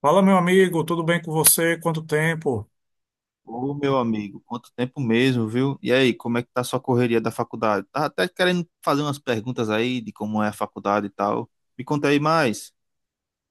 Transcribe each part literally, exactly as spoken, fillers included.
Fala, meu amigo, tudo bem com você? Quanto tempo? Ô, meu amigo, quanto tempo mesmo, viu? E aí, como é que tá a sua correria da faculdade? Tá até querendo fazer umas perguntas aí de como é a faculdade e tal. Me conta aí mais.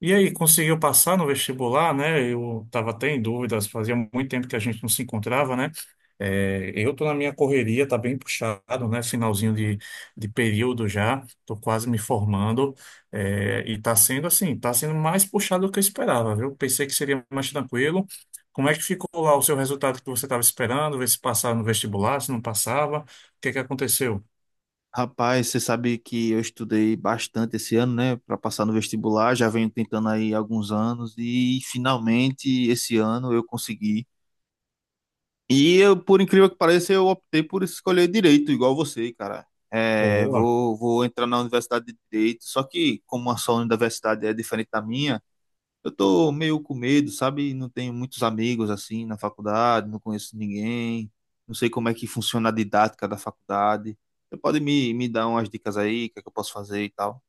E aí, conseguiu passar no vestibular, né? Eu estava até em dúvidas, fazia muito tempo que a gente não se encontrava, né? É, eu tô na minha correria, tá bem puxado, né? Finalzinho de, de período já, tô quase me formando, é, e tá sendo assim, tá sendo mais puxado do que eu esperava, viu? Pensei que seria mais tranquilo. Como é que ficou lá o seu resultado que você estava esperando? Ver se passava no vestibular, se não passava, o que que aconteceu? Rapaz, você sabe que eu estudei bastante esse ano, né, para passar no vestibular, já venho tentando aí há alguns anos e finalmente esse ano eu consegui. E eu, por incrível que pareça, eu optei por escolher direito, igual você, cara. É, Boa. vou, vou entrar na Universidade de Direito, só que como a sua universidade é diferente da minha, eu tô meio com medo, sabe? Não tenho muitos amigos assim na faculdade, não conheço ninguém, não sei como é que funciona a didática da faculdade. Você pode me, me dar umas dicas aí, o que é que eu posso fazer e tal?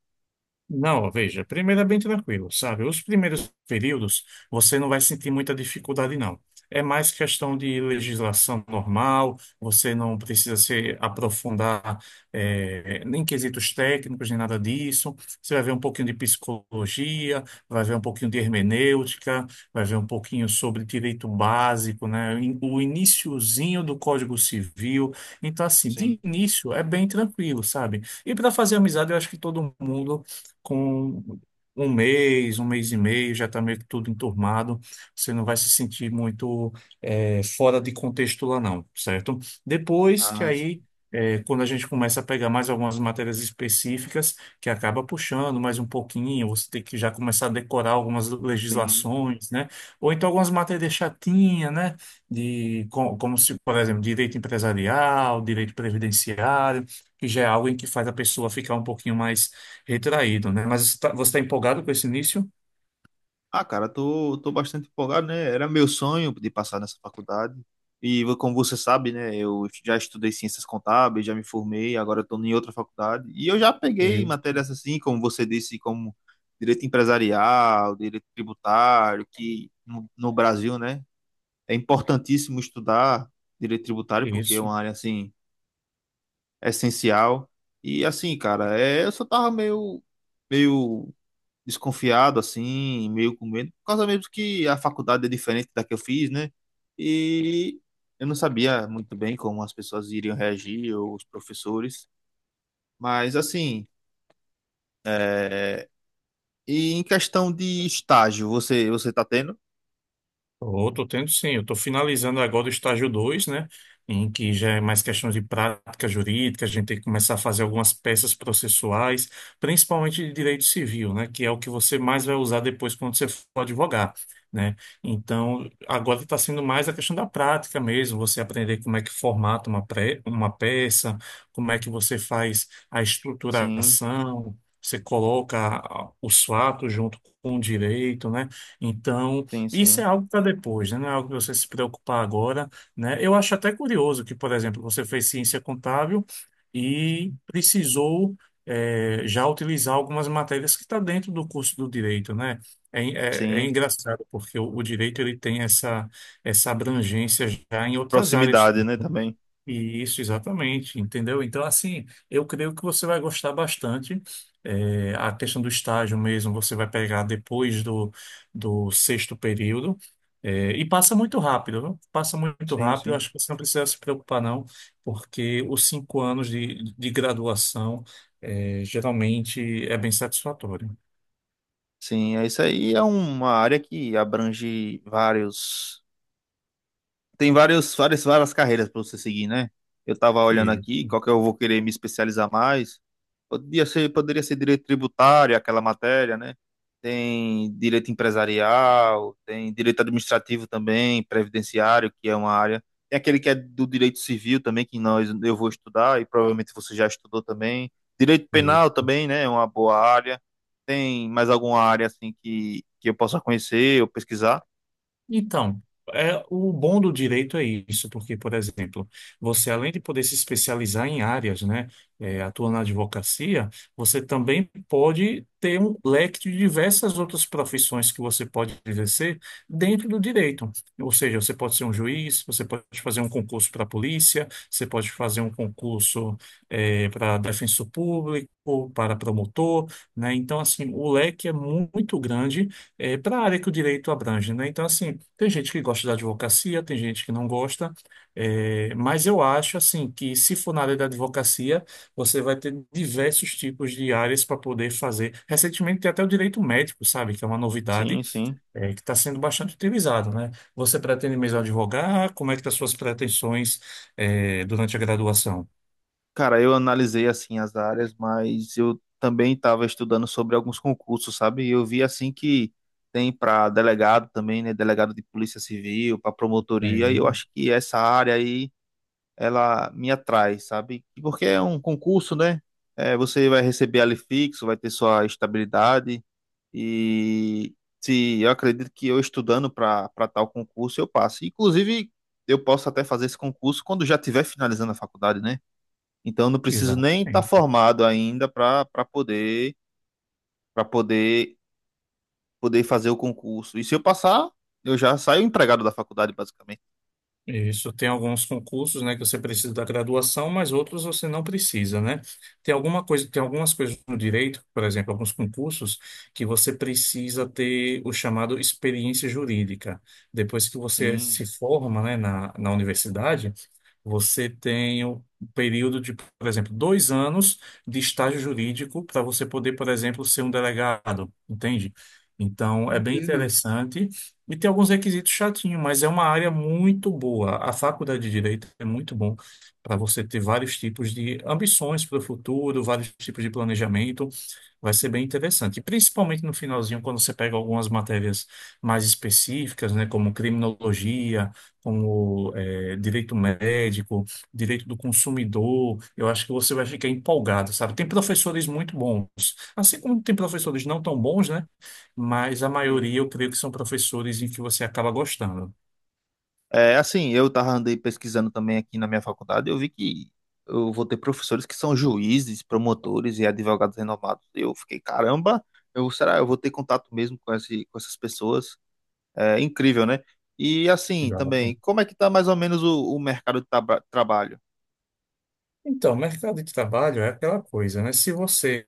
Não, veja, primeiro é bem tranquilo, sabe? Os primeiros períodos você não vai sentir muita dificuldade, não. É mais questão de legislação normal, você não precisa se aprofundar eh, nem em quesitos técnicos, nem nada disso. Você vai ver um pouquinho de psicologia, vai ver um pouquinho de hermenêutica, vai ver um pouquinho sobre direito básico, né? In- O iniciozinho do Código Civil. Então, assim, Sim. de início é bem tranquilo, sabe? E para fazer amizade, eu acho que todo mundo com um mês, um mês e meio, já está meio que tudo enturmado. Você não vai se sentir muito eh, fora de contexto lá, não, certo? Depois que Ah, sim, aí. eh, quando a gente começa a pegar mais algumas matérias específicas, que acaba puxando mais um pouquinho, você tem que já começar a decorar algumas sim. legislações, né? Ou então algumas matérias chatinhas, né? De, co- como se, por exemplo, direito empresarial, direito previdenciário, que já é algo em que faz a pessoa ficar um pouquinho mais retraído, né? Mas você está empolgado com esse início? Ah, cara, tô, tô bastante empolgado, né? Era meu sonho de passar nessa faculdade. E vo- como você sabe, né? Eu já estudei ciências contábeis, já me formei, agora estou em outra faculdade. E eu já peguei Isso, matérias assim, como você disse, como direito empresarial, direito tributário, que no, no Brasil, né? É importantíssimo estudar direito tributário, porque é isso. uma área assim essencial. E assim, cara, é, eu só tava meio, meio desconfiado, assim, meio com medo, por causa mesmo que a faculdade é diferente da que eu fiz, né? E eu não sabia muito bem como as pessoas iriam reagir, ou os professores, mas assim, é, e em questão de estágio, você você tá tendo? Estou, tô tendo sim. Eu estou finalizando agora o estágio dois, né? Em que já é mais questão de prática jurídica, a gente tem que começar a fazer algumas peças processuais, principalmente de direito civil, né? Que é o que você mais vai usar depois quando você for advogar, né? Então, agora está sendo mais a questão da prática mesmo, você aprender como é que formata uma, pré, uma peça, como é que você faz a Sim, estruturação, você coloca os fatos junto com o direito, né? Então. sim, Isso é sim, algo para depois, né? Não é algo para você se preocupar agora, né? Eu acho até curioso que, por exemplo, você fez ciência contábil e precisou eh, já utilizar algumas matérias que está dentro do curso do direito, né? É, é- é sim. engraçado porque o, o direito ele tem essa essa abrangência já em outras áreas Proximidade, né, também. isso, exatamente, entendeu? Então, assim, eu creio que você vai gostar bastante. É, a questão do estágio mesmo, você vai pegar depois do, do sexto período. É, e passa muito rápido, viu? Passa muito Sim, rápido. sim. Acho que você não precisa se preocupar, não, porque os cinco anos de, de graduação, é, geralmente é bem satisfatório. Sim, é isso aí, é uma área que abrange vários tem vários, várias, várias carreiras para você seguir, né? Eu tava olhando aqui, Isso, qual que eu vou querer me especializar mais. Podia ser, poderia ser direito tributário, aquela matéria, né? Tem direito empresarial, tem direito administrativo também, previdenciário, que é uma área. Tem aquele que é do direito civil também, que nós eu vou estudar e provavelmente você já estudou também. Direito penal isso. também, né? É uma boa área. Tem mais alguma área assim que, que eu possa conhecer ou pesquisar? Então, é, o bom do direito é isso, porque, por exemplo, você além de poder se especializar em áreas, né, é, atua na advocacia, você também pode ter um leque de diversas outras profissões que você pode exercer dentro do direito. Ou seja, você pode ser um juiz, você pode fazer um concurso para a polícia, você pode fazer um concurso, é, para defensor público, para promotor, né? Então, assim, o leque é mu- muito grande é, para a área que o direito abrange, né? Então, assim, tem gente que gosta da advocacia, tem gente que não gosta, é, mas eu acho, assim, que se for na área da advocacia, você vai ter diversos tipos de áreas para poder fazer. Recentemente, tem até o direito médico, sabe? Que é uma novidade, Sim, sim. é, que está sendo bastante utilizado, né? Você pretende mesmo advogar? Como é que estão as suas pretensões, é, durante a graduação? Cara, eu analisei assim as áreas, mas eu também estava estudando sobre alguns concursos, sabe? E eu vi assim que tem para delegado também, né? Delegado de Polícia Civil, para promotoria, e eu Tem. acho que essa área aí ela me atrai, sabe? E porque é um concurso, né? É, você vai receber ali fixo, vai ter sua estabilidade e se eu acredito que eu estudando para para tal concurso eu passo. Inclusive, eu posso até fazer esse concurso quando já estiver finalizando a faculdade, né? Então não preciso Exato. nem estar formado ainda para para poder para poder poder fazer o concurso. E se eu passar, eu já saio empregado da faculdade, basicamente. Isso, tem alguns concursos, né, que você precisa da graduação, mas outros você não precisa, né? Tem alguma coisa, tem algumas coisas no direito, por exemplo, alguns concursos que você precisa ter o chamado experiência jurídica. Depois que você Sim. se forma, né, na, na universidade, você tem um período de, por exemplo, dois anos de estágio jurídico para você poder, por exemplo, ser um delegado, entende? Então, é bem Entendo. interessante. E tem alguns requisitos chatinhos, mas é uma área muito boa. A faculdade de Direito é muito bom para você ter vários tipos de ambições para o futuro, vários tipos de planejamento. Vai ser bem interessante. E principalmente no finalzinho, quando você pega algumas matérias mais específicas, né, como criminologia, como eh, direito médico, direito do consumidor, eu acho que você vai ficar empolgado, sabe? Tem professores muito bons, assim como tem professores não tão bons, né? Mas a Sim. maioria eu creio que são professores em que você acaba gostando. É assim, eu tava andei pesquisando também aqui na minha faculdade, eu vi que eu vou ter professores que são juízes, promotores e advogados renomados. Eu fiquei, caramba, eu será eu vou ter contato mesmo com esse, com essas pessoas? É incrível, né? E assim, também, Exato. como é que tá mais ou menos o, o mercado de traba- trabalho? Então, mercado de trabalho é aquela coisa, né? Se você,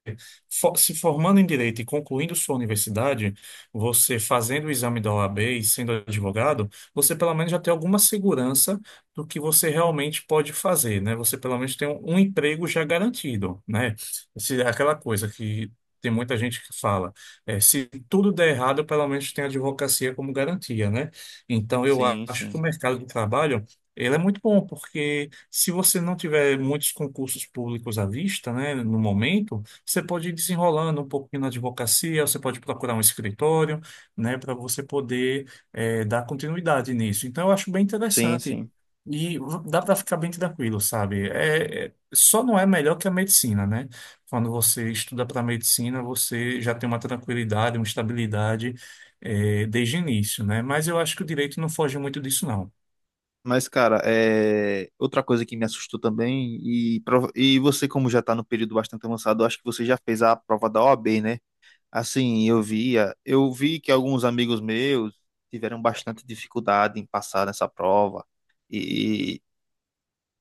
fo- se formando em direito e concluindo sua universidade, você fazendo o exame da O A B e sendo advogado, você pelo menos já tem alguma segurança do que você realmente pode fazer, né? Você pelo menos tem um, um emprego já garantido, né? Se, é aquela coisa que tem muita gente que fala, é, se tudo der errado, pelo menos tem a advocacia como garantia, né? Então, eu Sim, acho que o sim. mercado de trabalho ele é muito bom, porque se você não tiver muitos concursos públicos à vista, né, no momento, você pode ir desenrolando um pouquinho na advocacia, você pode procurar um escritório, né, para você poder eh, dar continuidade nisso. Então, eu acho bem Sim, interessante. sim. E v- dá para ficar bem tranquilo, sabe? É, é- só não é melhor que a medicina, né? Quando você estuda para medicina, você já tem uma tranquilidade, uma estabilidade eh, desde o início, né? Mas eu acho que o direito não foge muito disso, não. Mas, cara, é, outra coisa que me assustou também, e, prova- e você, como já tá no período bastante avançado, eu acho que você já fez a prova da O A B, né? Assim, eu via, eu vi que alguns amigos meus tiveram bastante dificuldade em passar nessa prova.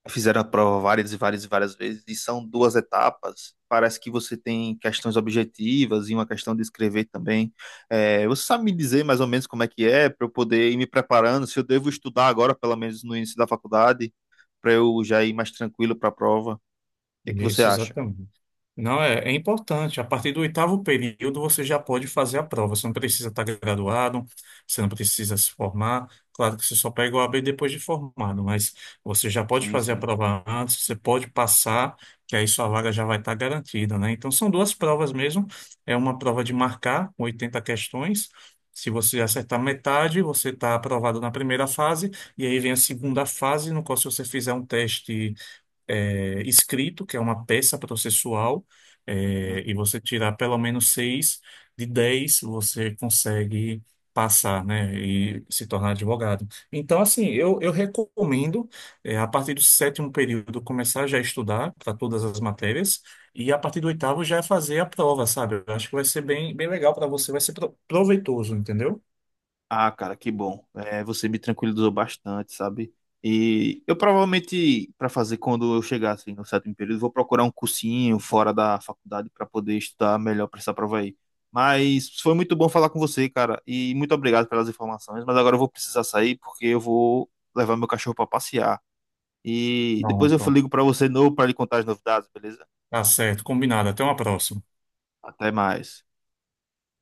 Fizeram a prova várias e várias e várias vezes, e são duas etapas. Parece que você tem questões objetivas e uma questão de escrever também. É, você sabe me dizer mais ou menos como é que é, para eu poder ir me preparando, se eu devo estudar agora, pelo menos no início da faculdade, para eu já ir mais tranquilo para a prova? O que é que você Isso, acha? exatamente. Não, é, é importante. A partir do oitavo período, você já pode fazer a prova. Você não precisa estar graduado, você não precisa se formar. Claro que você só pega o A B depois de formado, mas você já pode Sim, fazer a sim. prova antes, você pode passar, que aí sua vaga já vai estar garantida, né? Então, são duas provas mesmo. É uma prova de marcar, com oitenta questões. Se você acertar metade, você está aprovado na primeira fase, e aí vem a segunda fase, no qual, se você fizer um teste é, escrito, que é uma peça processual, é, e você tirar pelo menos seis de dez, você consegue passar, né, e se tornar advogado. Então, assim, eu, eu recomendo, é, a partir do sétimo período, começar já a estudar para todas as matérias, e a partir do oitavo já fazer a prova, sabe? Eu acho que vai ser bem, bem legal para você, vai ser pro- proveitoso, entendeu? Ah, cara, que bom. É, você me tranquilizou bastante, sabe? E eu provavelmente, para fazer quando eu chegar assim, no sétimo período, vou procurar um cursinho fora da faculdade para poder estudar melhor para essa prova aí. Mas foi muito bom falar com você, cara, e muito obrigado pelas informações. Mas agora eu vou precisar sair porque eu vou levar meu cachorro para passear. E depois eu Pronto. ligo para você de novo para lhe contar as novidades, beleza? Tá certo, combinado. Até uma próxima. Até mais.